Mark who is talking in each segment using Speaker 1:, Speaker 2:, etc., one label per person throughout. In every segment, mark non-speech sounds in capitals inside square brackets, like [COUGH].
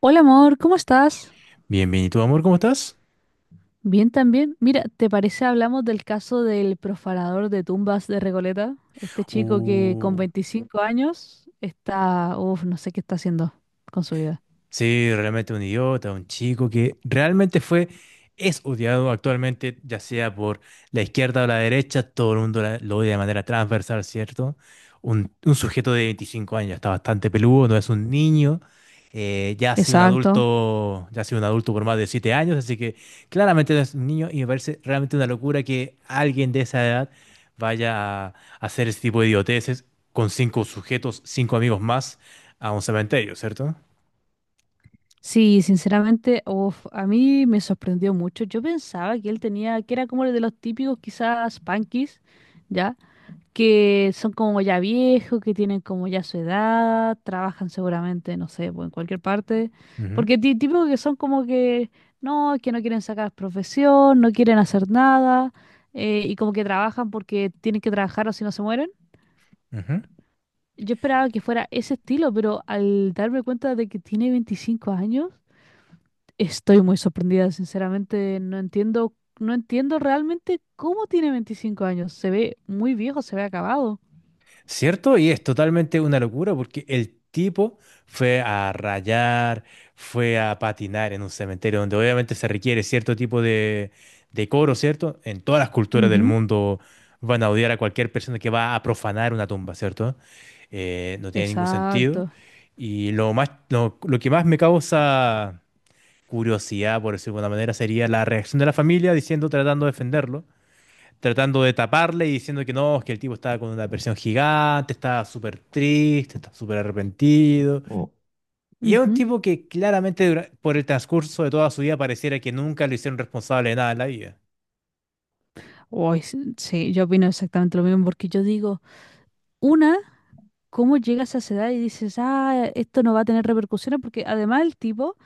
Speaker 1: Hola amor, ¿cómo estás?
Speaker 2: Bien, bien. ¿Y tú, amor, cómo estás?
Speaker 1: Bien también. Mira, ¿te parece hablamos del caso del profanador de tumbas de Recoleta? Este chico que con
Speaker 2: Uh,
Speaker 1: 25 años está, uff, no sé qué está haciendo con su vida.
Speaker 2: Sí, realmente un idiota, un chico que realmente fue, es odiado actualmente, ya sea por la izquierda o la derecha, todo el mundo lo odia de manera transversal, ¿cierto? Un sujeto de 25 años, está bastante peludo, no es un niño. Ya ha sido un
Speaker 1: Exacto.
Speaker 2: adulto, ya ha sido un adulto por más de 7 años, así que claramente no es un niño y me parece realmente una locura que alguien de esa edad vaya a hacer ese tipo de idioteces con 5 sujetos, 5 amigos más a un cementerio, cierto.
Speaker 1: Sí, sinceramente, uff, a mí me sorprendió mucho. Yo pensaba que él tenía, que era como el de los típicos quizás punkis, ¿ya? Que son como ya viejos, que tienen como ya su edad, trabajan seguramente, no sé, pues en cualquier parte, porque ti- típico que son como que no quieren sacar profesión, no quieren hacer nada, y como que trabajan porque tienen que trabajar o si no se mueren.
Speaker 2: Ujú.
Speaker 1: Yo esperaba que fuera ese estilo, pero al darme cuenta de que tiene 25 años, estoy muy sorprendida, sinceramente, no entiendo, no entiendo realmente cómo tiene 25 años, se ve muy viejo, se ve acabado.
Speaker 2: ¿Cierto? Y es totalmente una locura porque el tipo fue a rayar, fue a patinar en un cementerio donde obviamente se requiere cierto tipo de decoro, ¿cierto? En todas las culturas del mundo van a odiar a cualquier persona que va a profanar una tumba, ¿cierto? No tiene ningún sentido.
Speaker 1: Exacto.
Speaker 2: Y lo que más me causa curiosidad, por decirlo de alguna manera, sería la reacción de la familia diciendo, tratando de defenderlo, tratando de taparle y diciendo que no, es que el tipo estaba con una depresión gigante, estaba súper triste, estaba súper arrepentido. Oh. Y es un
Speaker 1: Ujú.
Speaker 2: tipo que claramente por el transcurso de toda su vida pareciera que nunca lo hicieron responsable de nada en la vida.
Speaker 1: Uy, s- sí, yo opino exactamente lo mismo, porque yo digo, una, ¿cómo llegas a esa edad y dices, ah, esto no va a tener repercusiones? Porque además el tipo,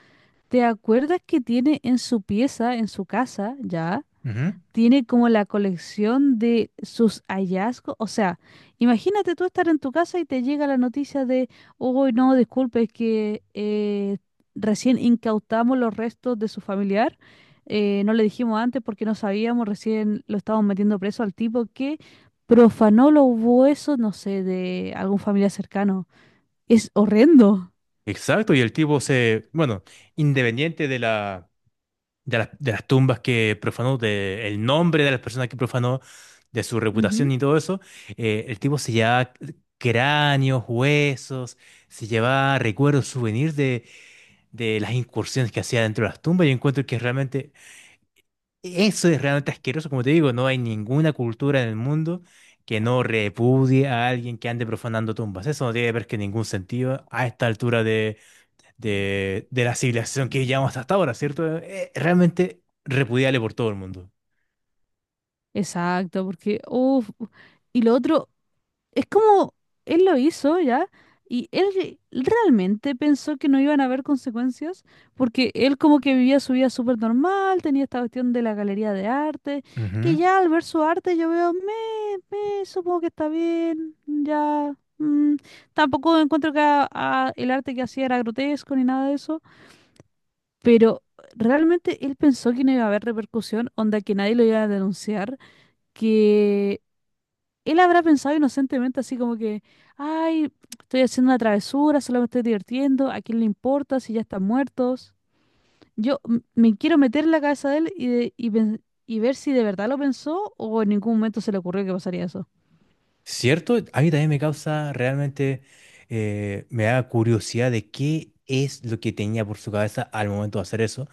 Speaker 1: ¿te acuerdas que tiene en su pieza, en su casa, ya?
Speaker 2: Ujú.
Speaker 1: Tiene como la colección de sus hallazgos. O sea, imagínate tú estar en tu casa y te llega la noticia de, uy, no, disculpe, es que recién incautamos los restos de su familiar. No le dijimos antes porque no sabíamos, recién lo estábamos metiendo preso al tipo que profanó los huesos, no sé, de algún familiar cercano. Es horrendo.
Speaker 2: Exacto, y el tipo se, bueno, independiente de las tumbas que profanó, de el nombre de las personas que profanó, de su reputación
Speaker 1: Ujú.
Speaker 2: y todo eso, el tipo se llevaba cráneos, huesos, se llevaba recuerdos, souvenirs de las incursiones que hacía dentro de las tumbas. Yo encuentro que realmente eso es realmente asqueroso. Como te digo, no hay ninguna cultura en el mundo que no repudie a alguien que ande profanando tumbas. Eso no tiene ver que ningún sentido a esta altura de la civilización que llevamos hasta ahora, ¿cierto? Realmente repudiable por todo el mundo.
Speaker 1: Exacto, porque, uff, y lo otro, es como él lo hizo ya y él re- realmente pensó que no iban a haber consecuencias porque él como que vivía su vida súper normal, tenía esta cuestión de la galería de arte,
Speaker 2: Ujú.
Speaker 1: que ya al ver su arte yo veo, me, supongo que está bien, ya. Tampoco encuentro que a- el arte que hacía era grotesco ni nada de eso, pero realmente él pensó que no iba a haber repercusión, onda que nadie lo iba a denunciar, que él habrá pensado inocentemente así como que, ay, estoy haciendo una travesura, solo me estoy divirtiendo, ¿a quién le importa si ya están muertos? Yo m- me quiero meter en la cabeza de él y, de- y, pen- y ver si de verdad lo pensó o en ningún momento se le ocurrió que pasaría eso.
Speaker 2: ¿Cierto? A mí también me causa realmente, me da curiosidad de qué es lo que tenía por su cabeza al momento de hacer eso.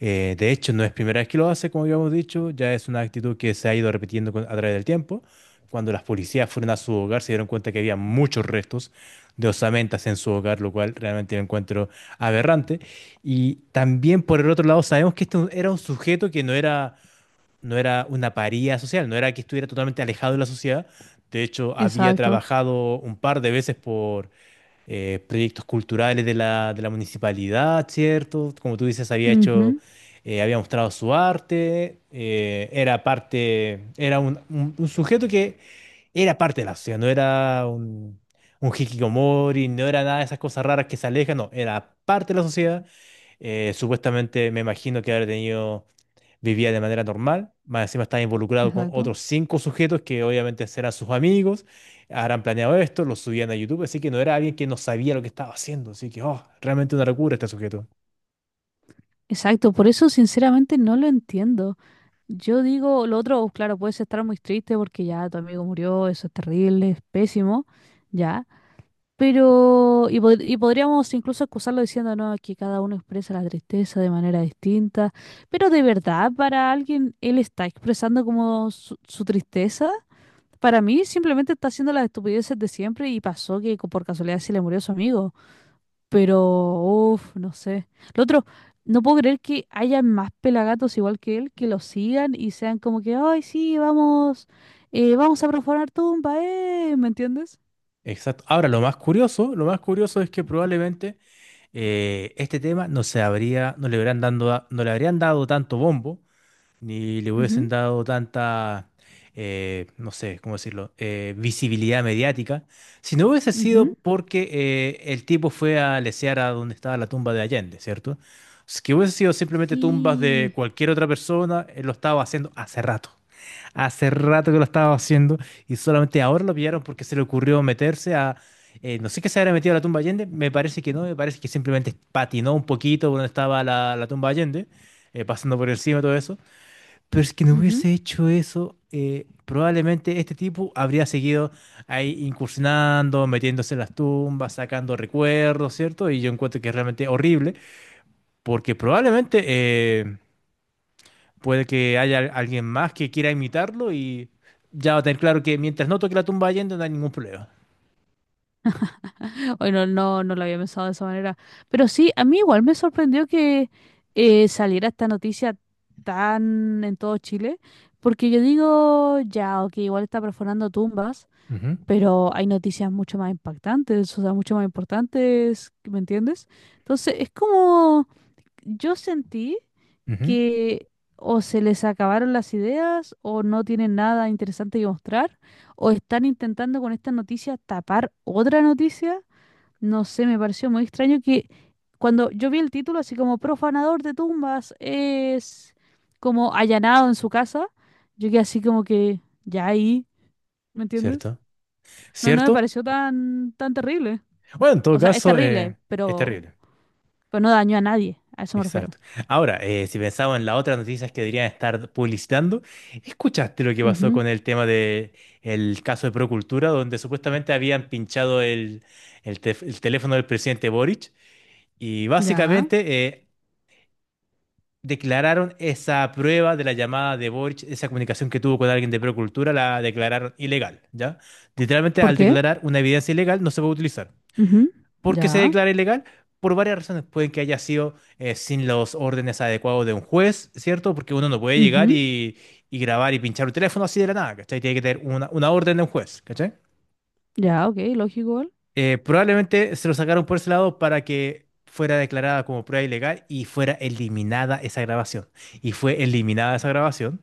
Speaker 2: De hecho, no es primera vez que lo hace, como habíamos dicho. Ya es una actitud que se ha ido repitiendo a través del tiempo. Cuando las policías fueron a su hogar, se dieron cuenta que había muchos restos de osamentas en su hogar, lo cual realmente lo encuentro aberrante. Y también, por el otro lado, sabemos que este era un sujeto que no era una paría social, no era que estuviera totalmente alejado de la sociedad. De hecho, había
Speaker 1: Exacto.
Speaker 2: trabajado un par de veces proyectos culturales de la municipalidad, ¿cierto? Como tú dices, había hecho,
Speaker 1: Ujú.
Speaker 2: había mostrado su arte. Era un sujeto que era parte de la sociedad, no era un hikikomori, no era nada de esas cosas raras que se alejan. No, era parte de la sociedad. Supuestamente me imagino que habrá tenido, vivía de manera normal. Más encima estaba involucrado con
Speaker 1: Exacto.
Speaker 2: otros 5 sujetos que obviamente serán sus amigos, habrán planeado esto, lo subían a YouTube, así que no era alguien que no sabía lo que estaba haciendo, así que, oh, realmente una locura este sujeto.
Speaker 1: Exacto, por eso sinceramente no lo entiendo. Yo digo, lo otro, claro, puedes estar muy triste porque ya tu amigo murió, eso es terrible, es pésimo, ya. Pero, y, pod- y podríamos incluso excusarlo diciendo, no, que cada uno expresa la tristeza de manera distinta, pero de verdad, para alguien, él está expresando como su tristeza. Para mí, simplemente está haciendo las estupideces de siempre y pasó que co- por casualidad se le murió su amigo. Pero, uff, no sé. Lo otro, no puedo creer que haya más pelagatos igual que él que lo sigan y sean como que, ay, sí, vamos, vamos a profanar tumba, ¿eh? ¿Me entiendes?
Speaker 2: Exacto. Ahora, lo más curioso es que probablemente este tema no se habría, no le habrían dando, no le habrían dado tanto bombo ni le hubiesen
Speaker 1: Ujú,
Speaker 2: dado tanta, no sé, ¿cómo decirlo?, visibilidad mediática, si no hubiese sido
Speaker 1: ujú.
Speaker 2: porque el tipo fue a lesear a donde estaba la tumba de Allende, ¿cierto? Si que hubiese sido simplemente tumbas de
Speaker 1: Sí.
Speaker 2: cualquier otra persona, él lo estaba haciendo hace rato. Hace rato que lo estaba haciendo y solamente ahora lo pillaron porque se le ocurrió meterse a... no sé qué se habría metido a la tumba de Allende. Me parece que no, me parece que simplemente patinó un poquito por donde estaba la tumba de Allende, pasando por encima de todo eso. Pero es que no
Speaker 1: Ujú.
Speaker 2: hubiese hecho eso, probablemente este tipo habría seguido ahí incursionando, metiéndose en las tumbas, sacando recuerdos, ¿cierto? Y yo encuentro que es realmente horrible, porque probablemente puede que haya alguien más que quiera imitarlo y ya va a tener claro que mientras no toque la tumba yendo no hay ningún problema.
Speaker 1: Hoy no, no, no lo había pensado de esa manera. Pero sí, a mí igual me sorprendió que saliera esta noticia tan en todo Chile, porque yo digo, ya, ok, igual está perforando tumbas,
Speaker 2: Ujú,
Speaker 1: pero hay noticias mucho más impactantes, o sea, mucho más importantes, ¿me entiendes? Entonces, es como yo sentí.
Speaker 2: ujú.
Speaker 1: Que o se les acabaron las ideas o no tienen nada interesante que mostrar o están intentando con esta noticia tapar otra noticia. No sé, me pareció muy extraño que cuando yo vi el título así como profanador de tumbas es como allanado en su casa, yo quedé así como que ya ahí, ¿me entiendes?
Speaker 2: ¿Cierto?
Speaker 1: No, no me
Speaker 2: ¿Cierto?
Speaker 1: pareció tan tan terrible.
Speaker 2: Bueno, en todo
Speaker 1: O sea, es
Speaker 2: caso,
Speaker 1: terrible,
Speaker 2: es terrible.
Speaker 1: pero no dañó a nadie, a eso me refiero.
Speaker 2: Exacto. Ahora, si pensamos en las otras noticias que deberían estar publicitando, ¿escuchaste lo que pasó
Speaker 1: Ujú.
Speaker 2: con el tema de el caso de Procultura, donde supuestamente habían pinchado el teléfono del presidente Boric y
Speaker 1: Ya.
Speaker 2: básicamente declararon esa prueba de la llamada de Boric, esa comunicación que tuvo con alguien de Procultura, la declararon ilegal, ¿ya? Literalmente,
Speaker 1: ¿Por
Speaker 2: al
Speaker 1: qué?
Speaker 2: declarar una evidencia ilegal, no se puede utilizar.
Speaker 1: Ujú.
Speaker 2: ¿Por qué se
Speaker 1: Ya.
Speaker 2: declara ilegal? Por varias razones. Puede que haya sido sin los órdenes adecuados de un juez, ¿cierto? Porque uno no puede llegar
Speaker 1: Ujú.
Speaker 2: y grabar y pinchar un teléfono así de la nada, ¿cachai? Tiene que tener una orden de un juez, ¿cachai?
Speaker 1: Ya, ok, lógico igual.
Speaker 2: Probablemente se lo sacaron por ese lado para que fuera declarada como prueba ilegal y fuera eliminada esa grabación. Y fue eliminada esa grabación.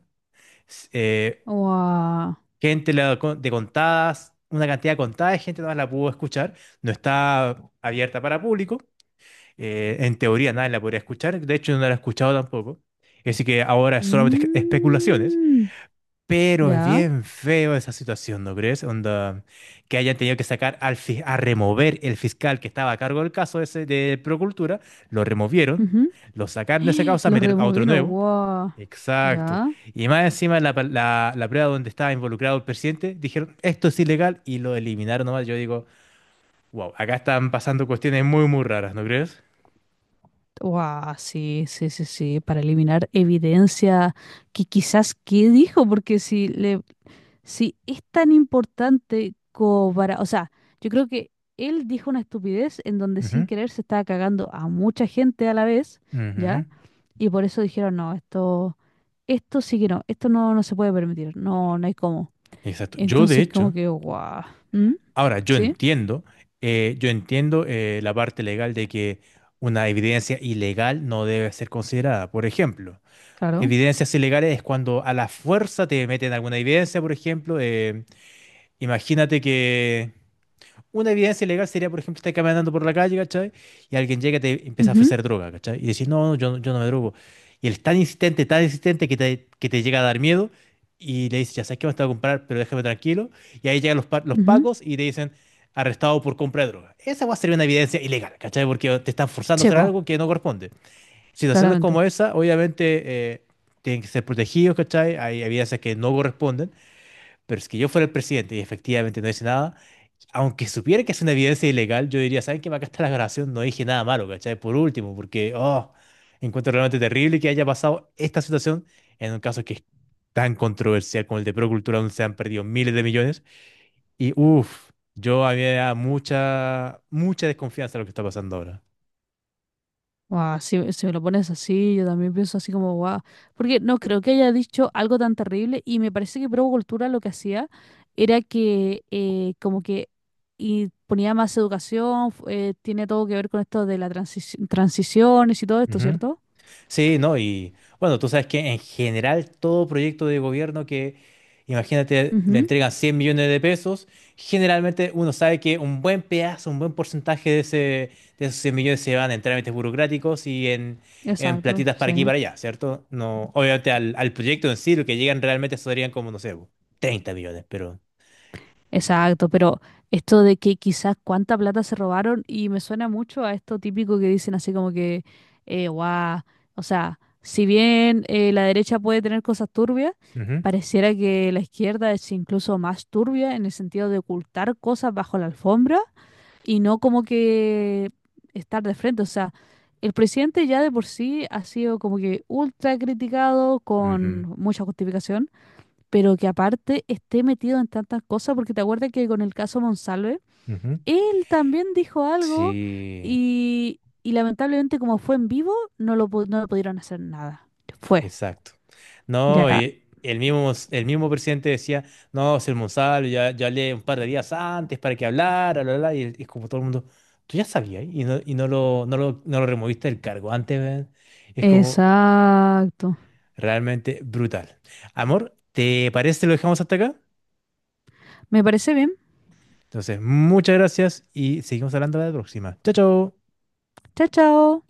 Speaker 2: S-
Speaker 1: Guau.
Speaker 2: gente la con- de Contadas, una cantidad contada de gente nada más la pudo escuchar. No está abierta para público. En teoría nadie la podría escuchar. De hecho no la he escuchado tampoco. Así que ahora es solamente especulaciones,
Speaker 1: Mm,
Speaker 2: pero es
Speaker 1: ya.
Speaker 2: bien feo esa situación, ¿no crees? Onda, que hayan tenido que sacar al a remover el fiscal que estaba a cargo del caso ese de Procultura, lo removieron,
Speaker 1: Ujú.
Speaker 2: lo sacaron de esa
Speaker 1: [GASPS]
Speaker 2: causa,
Speaker 1: Los
Speaker 2: metieron a otro
Speaker 1: removieron,
Speaker 2: nuevo.
Speaker 1: guau.
Speaker 2: Exacto.
Speaker 1: Ya.
Speaker 2: Y más encima la prueba donde estaba involucrado el presidente, dijeron, esto es ilegal y lo eliminaron nomás. Yo digo, wow, acá están pasando cuestiones muy, muy raras, ¿no crees?
Speaker 1: Guau, sí, sí, sí, sí. Para eliminar evidencia que quizás qué dijo, porque si le, si es tan importante como para, o sea, yo creo que él dijo una estupidez en donde sin querer se estaba cagando a mucha gente a la vez, ¿ya?
Speaker 2: Ujú.
Speaker 1: Y por eso dijeron, no, esto. Esto sí que no, esto no, no se puede permitir, no, no hay cómo.
Speaker 2: Exacto. Yo, de
Speaker 1: Entonces, como
Speaker 2: hecho,
Speaker 1: que, guau, ¿mm?
Speaker 2: ahora yo
Speaker 1: ¿Sí?
Speaker 2: entiendo, la parte legal de que una evidencia ilegal no debe ser considerada. Por ejemplo,
Speaker 1: Claro.
Speaker 2: evidencias ilegales es cuando a la fuerza te meten alguna evidencia, por ejemplo, imagínate que, una evidencia legal sería, por ejemplo, estar caminando por la calle, ¿cachai? Y alguien llega y te empieza a
Speaker 1: Mhm.
Speaker 2: ofrecer droga, ¿cachai? Y decís, no, no, yo, yo no me drogo. Y él es tan insistente que que te llega a dar miedo y le dices, ya sabes que me te voy a comprar, pero déjame tranquilo. Y ahí llegan los
Speaker 1: Mhm.
Speaker 2: pacos y te dicen, arrestado por compra de droga. Esa va a ser una evidencia ilegal, ¿cachai? Porque te están forzando a hacer
Speaker 1: Chepo,
Speaker 2: algo que no corresponde. Situaciones
Speaker 1: claramente.
Speaker 2: como esa, obviamente, eh, tienen que ser protegidos, ¿cachai? Hay evidencias que no corresponden, pero es que yo fuera el presidente y efectivamente no hice nada, aunque supiera que es una evidencia ilegal, yo diría, ¿saben qué? Acá está la grabación, no dije nada malo, ¿cachai? Por último, porque, oh, encuentro realmente terrible que haya pasado esta situación en un caso que es tan controversial como el de Procultura, donde se han perdido miles de millones. Y, uff, yo había mucha, mucha desconfianza de lo que está pasando ahora.
Speaker 1: Guau, si, si me lo pones así, yo también pienso así como, guau. Porque no creo que haya dicho algo tan terrible y me parece que Provo Cultura lo que hacía era que como que y ponía más educación, fu- tiene todo que ver con esto de las transiciones y todo esto, ¿cierto?
Speaker 2: Sí, ¿no? Y bueno, tú sabes que en general todo proyecto de gobierno que, imagínate, le
Speaker 1: Ujú.
Speaker 2: entregan 100 millones de pesos, generalmente uno sabe que un buen pedazo, un buen porcentaje de esos 100 millones se van en trámites burocráticos en
Speaker 1: Exacto,
Speaker 2: platitas para aquí y
Speaker 1: sí.
Speaker 2: para allá, ¿cierto? No, obviamente al proyecto en sí, lo que llegan realmente serían como, no sé, 30 millones, pero...
Speaker 1: Exacto, pero esto de que quizás cuánta plata se robaron y me suena mucho a esto típico que dicen así como que, guau, o sea, si bien la derecha puede tener cosas turbias,
Speaker 2: Ujú,
Speaker 1: pareciera que la izquierda es incluso más turbia en el sentido de ocultar cosas bajo la alfombra y no como que estar de frente. O sea, el presidente ya de por sí ha sido como que ultra criticado con
Speaker 2: ujú,
Speaker 1: mucha justificación, pero que aparte esté metido en tantas cosas, porque te acuerdas que con el caso Monsalve,
Speaker 2: ujú.
Speaker 1: él también dijo algo
Speaker 2: Sí.
Speaker 1: y lamentablemente como fue en vivo, no lo, pu- no le pudieron hacer nada. Fue,
Speaker 2: Exacto. No,
Speaker 1: ya.
Speaker 2: y el mismo presidente decía, no, ser Monsalvo, ya, ya hablé un par de días antes para que hablara, bla, bla, bla", y como todo el mundo, tú ya sabías y no, y no lo removiste del cargo antes, weón". Es como
Speaker 1: Exacto.
Speaker 2: realmente brutal. Amor, ¿te parece si lo dejamos hasta acá?
Speaker 1: Me parece bien.
Speaker 2: Entonces, muchas gracias y seguimos hablando la próxima. Chao, chao.
Speaker 1: Chao, chao.